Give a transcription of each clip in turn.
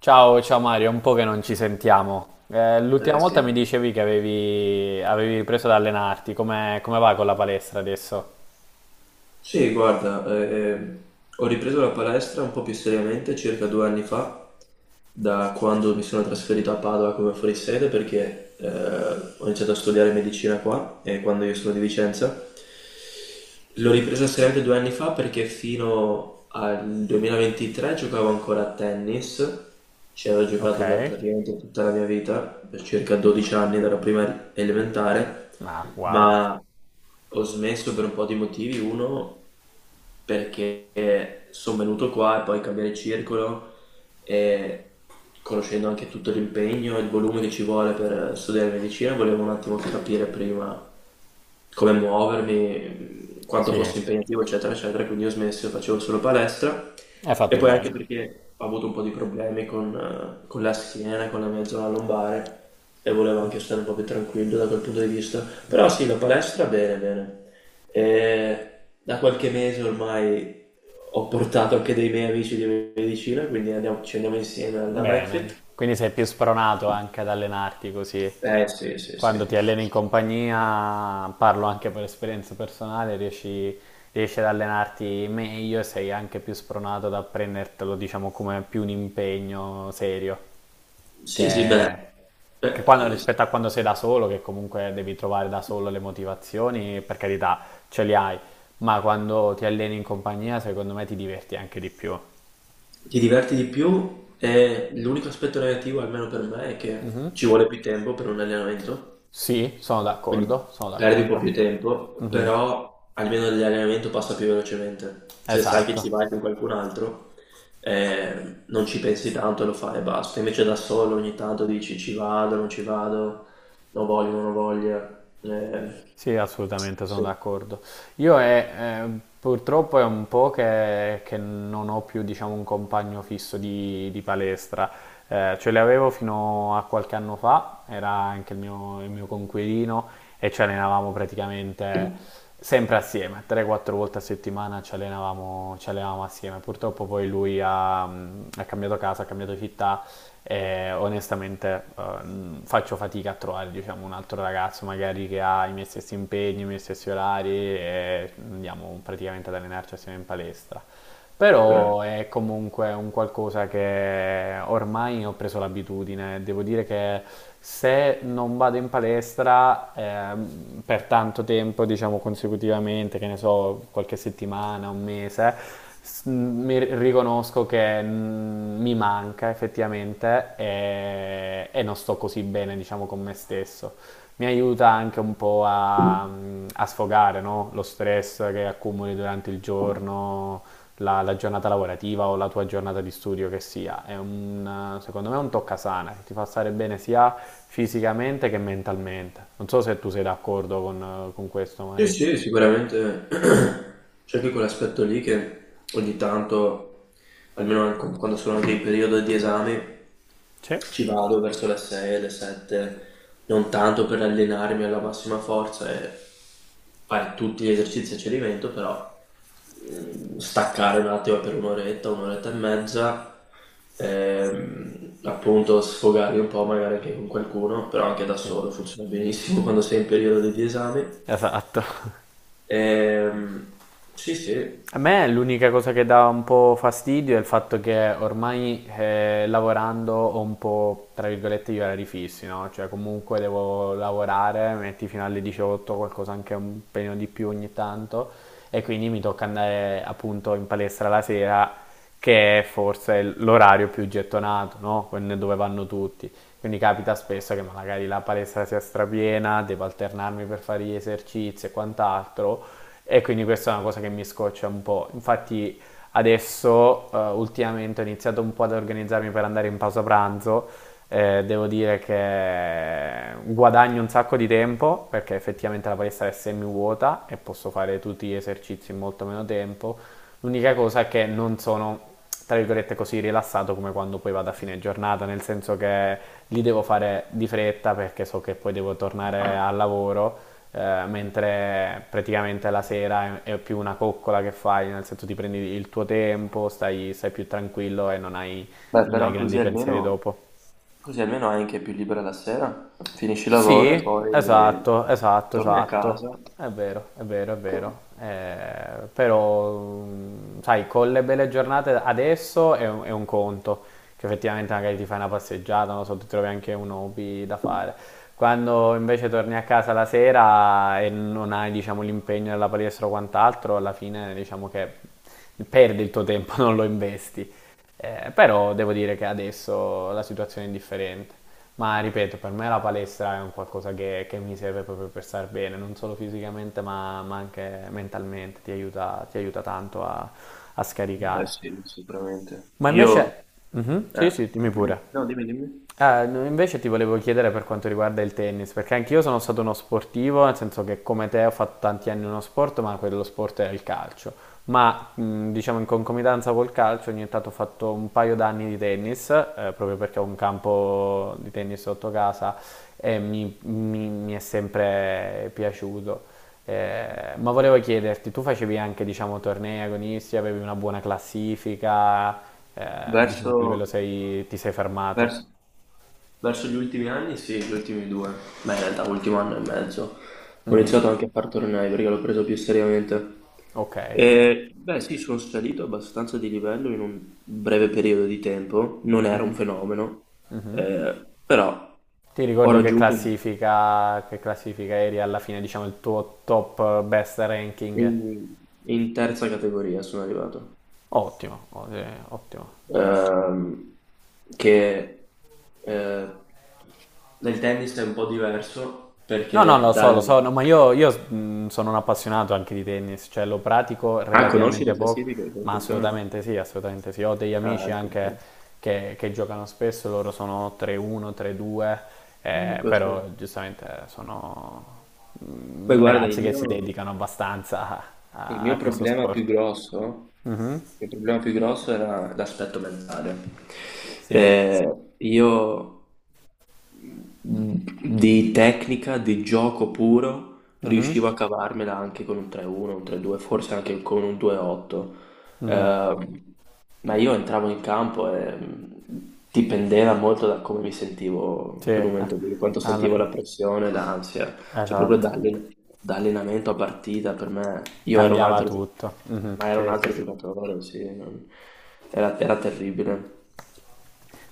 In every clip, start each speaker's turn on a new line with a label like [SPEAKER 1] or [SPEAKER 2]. [SPEAKER 1] Ciao, ciao Mario, è un po' che non ci sentiamo. L'ultima
[SPEAKER 2] Eh
[SPEAKER 1] volta mi
[SPEAKER 2] sì.
[SPEAKER 1] dicevi che avevi ripreso ad allenarti, come va con la palestra adesso?
[SPEAKER 2] Sì, guarda, ho ripreso la palestra un po' più seriamente circa 2 anni fa, da quando mi sono trasferito a Padova come fuorisede perché ho iniziato a studiare medicina qua, e quando io sono di Vicenza. L'ho ripresa seriamente 2 anni fa perché fino al 2023 giocavo ancora a tennis, ci avevo
[SPEAKER 1] Ok?
[SPEAKER 2] giocato per praticamente tutta la mia vita, per circa 12 anni, dalla prima elementare,
[SPEAKER 1] Ah, wow.
[SPEAKER 2] ma ho smesso per un po' di motivi. Uno, perché sono venuto qua e poi cambiare circolo e conoscendo anche tutto l'impegno e il volume che ci vuole per studiare medicina, volevo un attimo capire prima come muovermi, quanto
[SPEAKER 1] Sì, hai
[SPEAKER 2] fosse impegnativo, eccetera, eccetera. Quindi ho smesso e facevo solo palestra. E
[SPEAKER 1] fatto
[SPEAKER 2] poi anche
[SPEAKER 1] bene.
[SPEAKER 2] perché ho avuto un po' di problemi con la schiena, con la mia zona lombare e volevo anche stare un po' più tranquillo da quel punto di vista. Però sì, la palestra bene, bene. E da qualche mese ormai ho portato anche dei miei amici di medicina, quindi ci andiamo insieme alla
[SPEAKER 1] Bene,
[SPEAKER 2] McFit.
[SPEAKER 1] quindi sei più spronato anche ad allenarti così.
[SPEAKER 2] Eh sì, sì, sì.
[SPEAKER 1] Quando ti alleni in compagnia, parlo anche per esperienza personale, riesci ad allenarti meglio e sei anche più spronato ad prendertelo, diciamo, come più un impegno serio.
[SPEAKER 2] Sì, sì,
[SPEAKER 1] che,
[SPEAKER 2] beh, beh,
[SPEAKER 1] Rispetto a quando sei da solo, che comunque devi trovare da solo le motivazioni, per carità, ce le hai, ma quando ti alleni in compagnia, secondo me ti diverti anche di più.
[SPEAKER 2] ti diverti di più e l'unico aspetto negativo, almeno per me, è che
[SPEAKER 1] Mhm.
[SPEAKER 2] ci vuole più tempo per un allenamento.
[SPEAKER 1] Sì, sono d'accordo,
[SPEAKER 2] Quindi
[SPEAKER 1] sono
[SPEAKER 2] perdi un po'
[SPEAKER 1] d'accordo.
[SPEAKER 2] più tempo,
[SPEAKER 1] Mhm,
[SPEAKER 2] però almeno l'allenamento passa più velocemente. Se sai che
[SPEAKER 1] esatto.
[SPEAKER 2] ci vai con qualcun altro, non ci pensi tanto, lo fai e basta. Invece da solo ogni tanto dici ci vado, non voglio, non ho voglia.
[SPEAKER 1] Sì, assolutamente, sono
[SPEAKER 2] Sì,
[SPEAKER 1] d'accordo. Purtroppo è un po' che non ho più, diciamo, un compagno fisso di palestra. Ce l'avevo fino a qualche anno fa, era anche il mio coinquilino e ci allenavamo praticamente sempre assieme, 3-4 volte a settimana ci allenavamo assieme. Purtroppo poi lui ha cambiato casa, ha cambiato città e onestamente faccio fatica a trovare diciamo, un altro ragazzo magari che ha i miei stessi impegni, i miei stessi orari e andiamo praticamente ad allenarci assieme in palestra.
[SPEAKER 2] sì.
[SPEAKER 1] Però è comunque un qualcosa che ormai ho preso l'abitudine. Devo dire che se non vado in palestra per tanto tempo, diciamo consecutivamente, che ne so, qualche settimana, un mese, riconosco che mi manca effettivamente e non sto così bene, diciamo, con me stesso. Mi aiuta anche un po' a sfogare, no? Lo stress che accumuli durante il giorno la giornata lavorativa o la tua giornata di studio che sia. Secondo me è un tocca sana che ti fa stare bene sia fisicamente che mentalmente. Non so se tu sei d'accordo con questo,
[SPEAKER 2] Sì,
[SPEAKER 1] Mario.
[SPEAKER 2] sì, sicuramente c'è anche quell'aspetto lì che ogni tanto, almeno quando sono anche in periodo di esami,
[SPEAKER 1] Sì.
[SPEAKER 2] ci vado verso le 6, le 7, non tanto per allenarmi alla massima forza e fare tutti gli esercizi a cedimento, però staccare un attimo per un'oretta, un'oretta e mezza, appunto sfogarmi un po' magari anche con qualcuno, però anche da
[SPEAKER 1] Sì.
[SPEAKER 2] solo funziona benissimo quando sei in periodo di esami.
[SPEAKER 1] Esatto.
[SPEAKER 2] Ehm, sì, sì.
[SPEAKER 1] A me l'unica cosa che dà un po' fastidio è il fatto che ormai lavorando ho un po', tra virgolette, gli orari fissi, no? Cioè comunque devo lavorare, metti fino alle 18, qualcosa anche un pelino di più ogni tanto, e quindi mi tocca andare appunto in palestra la sera, che è forse l'orario più gettonato, no? Dove vanno tutti. Quindi capita spesso che magari la palestra sia strapiena, devo alternarmi per fare gli esercizi e quant'altro. E quindi questa è una cosa che mi scoccia un po'. Infatti adesso ultimamente ho iniziato un po' ad organizzarmi per andare in pausa pranzo. Devo dire che guadagno un sacco di tempo perché effettivamente la palestra è semi vuota e posso fare tutti gli esercizi in molto meno tempo. L'unica cosa è che non sono, tra virgolette, così rilassato come quando poi vado a fine giornata, nel senso che li devo fare di fretta perché so che poi devo tornare al lavoro, mentre praticamente la sera è più una coccola che fai, nel senso ti prendi il tuo tempo, stai più tranquillo e non hai
[SPEAKER 2] Beh,
[SPEAKER 1] non hai
[SPEAKER 2] però
[SPEAKER 1] grandi
[SPEAKER 2] così
[SPEAKER 1] pensieri
[SPEAKER 2] almeno,
[SPEAKER 1] dopo.
[SPEAKER 2] così almeno hai anche più libera la sera, finisci il lavoro e
[SPEAKER 1] Sì,
[SPEAKER 2] poi
[SPEAKER 1] esatto, esatto,
[SPEAKER 2] torni a
[SPEAKER 1] esatto.
[SPEAKER 2] casa.
[SPEAKER 1] È vero, è vero, è vero. Però, sai, con le belle giornate adesso è un conto, che effettivamente magari ti fai una passeggiata, non so, ti trovi anche un hobby da fare. Quando invece torni a casa la sera e non hai, diciamo, l'impegno della palestra o quant'altro, alla fine diciamo che perdi il tuo tempo, non lo investi. Però devo dire che adesso la situazione è differente. Ma ripeto, per me la palestra è un qualcosa che mi serve proprio per star bene, non solo fisicamente ma anche mentalmente, ti aiuta tanto a
[SPEAKER 2] Eh
[SPEAKER 1] scaricare.
[SPEAKER 2] sì, sicuramente.
[SPEAKER 1] Ma
[SPEAKER 2] Io,
[SPEAKER 1] invece. Mhm,
[SPEAKER 2] eh,
[SPEAKER 1] sì, sì, dimmi
[SPEAKER 2] dimmi,
[SPEAKER 1] pure.
[SPEAKER 2] no, dimmi, dimmi.
[SPEAKER 1] Ah, no, invece ti volevo chiedere per quanto riguarda il tennis, perché anch'io sono stato uno sportivo, nel senso che come te ho fatto tanti anni uno sport, ma quello sport era il calcio. Ma diciamo in concomitanza col calcio ogni tanto ho fatto un paio d'anni di tennis, proprio perché ho un campo di tennis sotto casa e mi è sempre piaciuto. Ma volevo chiederti, tu facevi anche diciamo tornei agonisti, avevi una buona classifica, eh, diciamo
[SPEAKER 2] Verso,
[SPEAKER 1] a che livello ti sei
[SPEAKER 2] verso,
[SPEAKER 1] fermato?
[SPEAKER 2] verso gli ultimi anni, sì, gli ultimi due. Beh, in realtà, ultimo anno e mezzo. Ho
[SPEAKER 1] Mhm.
[SPEAKER 2] iniziato anche a far tornei perché l'ho preso più seriamente.
[SPEAKER 1] Ok, ok.
[SPEAKER 2] Beh, sì, sono salito abbastanza di livello in un breve periodo di tempo, non era un
[SPEAKER 1] Mhm,
[SPEAKER 2] fenomeno,
[SPEAKER 1] mhm.
[SPEAKER 2] però
[SPEAKER 1] Ti
[SPEAKER 2] ho
[SPEAKER 1] ricordi che
[SPEAKER 2] raggiunto
[SPEAKER 1] classifica, che classifica eri alla fine, diciamo, il tuo top best ranking?
[SPEAKER 2] in, in terza categoria, sono arrivato.
[SPEAKER 1] Ottimo, ottimo.
[SPEAKER 2] Ehm, che eh, Nel tennis è un po' diverso
[SPEAKER 1] No, no,
[SPEAKER 2] perché
[SPEAKER 1] lo
[SPEAKER 2] dal.
[SPEAKER 1] so, no, ma io, sono un appassionato anche di tennis, cioè lo pratico
[SPEAKER 2] Ah, conosci le
[SPEAKER 1] relativamente poco,
[SPEAKER 2] classifiche, come
[SPEAKER 1] ma
[SPEAKER 2] funzionano?
[SPEAKER 1] assolutamente sì, assolutamente sì. Ho degli
[SPEAKER 2] Ah,
[SPEAKER 1] amici
[SPEAKER 2] ecco,
[SPEAKER 1] anche
[SPEAKER 2] sì.
[SPEAKER 1] che giocano spesso, loro sono 3-1, 3-2,
[SPEAKER 2] Ecco,
[SPEAKER 1] però
[SPEAKER 2] sì.
[SPEAKER 1] giustamente sono
[SPEAKER 2] Beh, guarda,
[SPEAKER 1] ragazzi
[SPEAKER 2] il
[SPEAKER 1] che si
[SPEAKER 2] mio.
[SPEAKER 1] dedicano abbastanza a,
[SPEAKER 2] Il
[SPEAKER 1] a- a
[SPEAKER 2] mio
[SPEAKER 1] questo
[SPEAKER 2] problema più
[SPEAKER 1] sport.
[SPEAKER 2] grosso,
[SPEAKER 1] Mhm,
[SPEAKER 2] il mio problema più grosso era l'aspetto mentale.
[SPEAKER 1] sì,
[SPEAKER 2] Eh, io mh, di tecnica, di gioco puro,
[SPEAKER 1] mhm,
[SPEAKER 2] riuscivo a cavarmela anche con un 3-1, un 3-2, forse anche con un 2-8. Eh, ma io entravo in campo e dipendeva molto da come mi sentivo
[SPEAKER 1] sì,
[SPEAKER 2] in quel momento lì, quanto
[SPEAKER 1] alla
[SPEAKER 2] sentivo
[SPEAKER 1] fine.
[SPEAKER 2] la pressione, l'ansia. Cioè proprio
[SPEAKER 1] Esatto,
[SPEAKER 2] da allenamento a partita per me, io ero un
[SPEAKER 1] cambiava
[SPEAKER 2] altro,
[SPEAKER 1] tutto. Mhm,
[SPEAKER 2] ma era un
[SPEAKER 1] sì, sì,
[SPEAKER 2] altro
[SPEAKER 1] sì.
[SPEAKER 2] giocatore, sì, era terribile.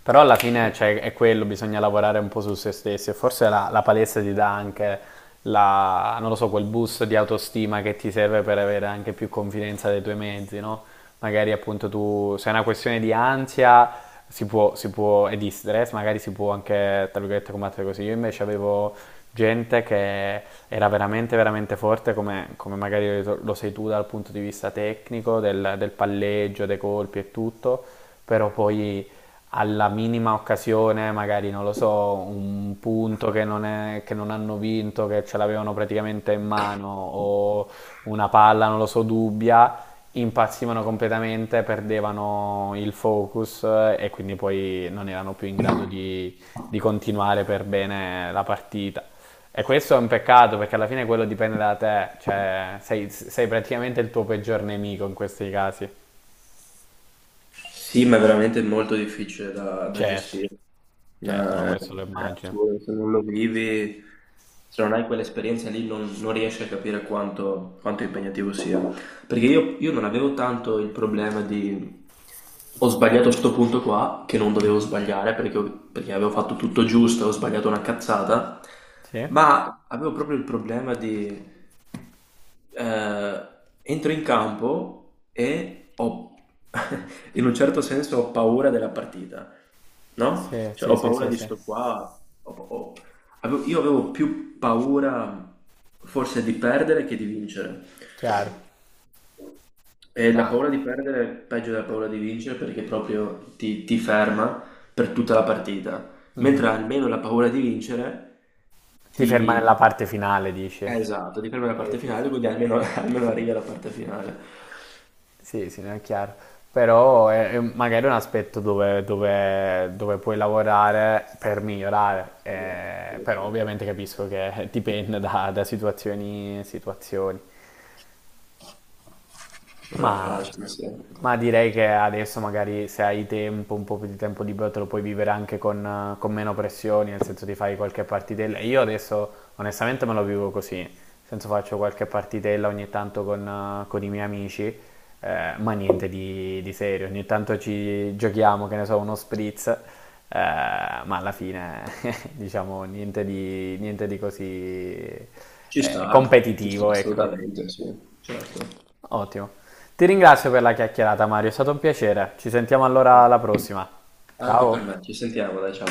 [SPEAKER 1] Però alla fine cioè, è quello, bisogna lavorare un po' su se stessi e forse la palestra ti dà anche non lo so, quel boost di autostima che ti serve per avere anche più confidenza dei tuoi mezzi, no? Magari appunto tu, se è una questione di ansia e di stress, magari si può anche, tra virgolette, combattere così. Io invece avevo gente che era veramente, veramente forte, come magari lo sei tu dal punto di vista tecnico, del palleggio, dei colpi e tutto, però poi alla minima occasione, magari non lo so, un punto che non hanno vinto, che ce l'avevano praticamente in mano, o una palla, non lo so, dubbia, impazzivano completamente, perdevano il focus e quindi poi non erano più in grado di continuare per bene la partita. E questo è un peccato perché alla fine quello dipende da te, cioè sei praticamente il tuo peggior nemico in questi casi.
[SPEAKER 2] Sì, ma è veramente molto difficile da
[SPEAKER 1] Certo,
[SPEAKER 2] gestire. No,
[SPEAKER 1] certo, no,
[SPEAKER 2] è
[SPEAKER 1] questo lo immagino.
[SPEAKER 2] assurdo, se non lo vivi, se non hai quell'esperienza lì, non riesci a capire quanto impegnativo sia. Perché io non avevo tanto il problema di ho sbagliato sto punto qua, che non dovevo
[SPEAKER 1] Mhm.
[SPEAKER 2] sbagliare perché, perché avevo fatto tutto giusto, ho sbagliato una cazzata,
[SPEAKER 1] Sì,
[SPEAKER 2] ma avevo proprio il problema di. eh, Entro in campo e ho, in un certo senso, ho paura della partita, no?
[SPEAKER 1] sì,
[SPEAKER 2] Cioè,
[SPEAKER 1] sì,
[SPEAKER 2] ho
[SPEAKER 1] sì,
[SPEAKER 2] paura
[SPEAKER 1] sì,
[SPEAKER 2] di
[SPEAKER 1] sì.
[SPEAKER 2] sto qua. ho- ho- io avevo più paura forse di perdere che di vincere.
[SPEAKER 1] Chiaro.
[SPEAKER 2] E la
[SPEAKER 1] No.
[SPEAKER 2] paura di perdere è peggio della paura di vincere perché proprio ti ferma per tutta la partita.
[SPEAKER 1] Mhm.
[SPEAKER 2] Mentre almeno la paura di vincere
[SPEAKER 1] Ti ferma nella
[SPEAKER 2] ti,
[SPEAKER 1] parte finale, dice.
[SPEAKER 2] esatto, di prendere la
[SPEAKER 1] Sì,
[SPEAKER 2] parte
[SPEAKER 1] sì, sì.
[SPEAKER 2] finale, quindi almeno almeno arrivi alla parte finale.
[SPEAKER 1] Sì, sì, no, è chiaro. Però è magari un aspetto dove, dove puoi lavorare per migliorare,
[SPEAKER 2] Sì, sì,
[SPEAKER 1] però
[SPEAKER 2] sì.
[SPEAKER 1] ovviamente capisco che dipende da situazioni, situazioni.
[SPEAKER 2] Non è
[SPEAKER 1] Ma,
[SPEAKER 2] facile, sì.
[SPEAKER 1] ma direi che adesso magari se hai tempo, un po' più di tempo libero, te lo puoi vivere anche con meno pressioni, nel senso ti fai qualche partitella. Io adesso onestamente me lo vivo così, nel senso faccio qualche partitella ogni tanto con i miei amici, ma niente di serio, ogni tanto ci giochiamo, che ne so, uno spritz, ma alla fine diciamo niente di così
[SPEAKER 2] Ci sta
[SPEAKER 1] competitivo, ecco.
[SPEAKER 2] assolutamente, sì. Certo.
[SPEAKER 1] Ottimo. Ti ringrazio per la chiacchierata, Mario, è stato un piacere. Ci sentiamo allora alla prossima.
[SPEAKER 2] Anche per
[SPEAKER 1] Ciao.
[SPEAKER 2] me, ci sentiamo, dai, ciao.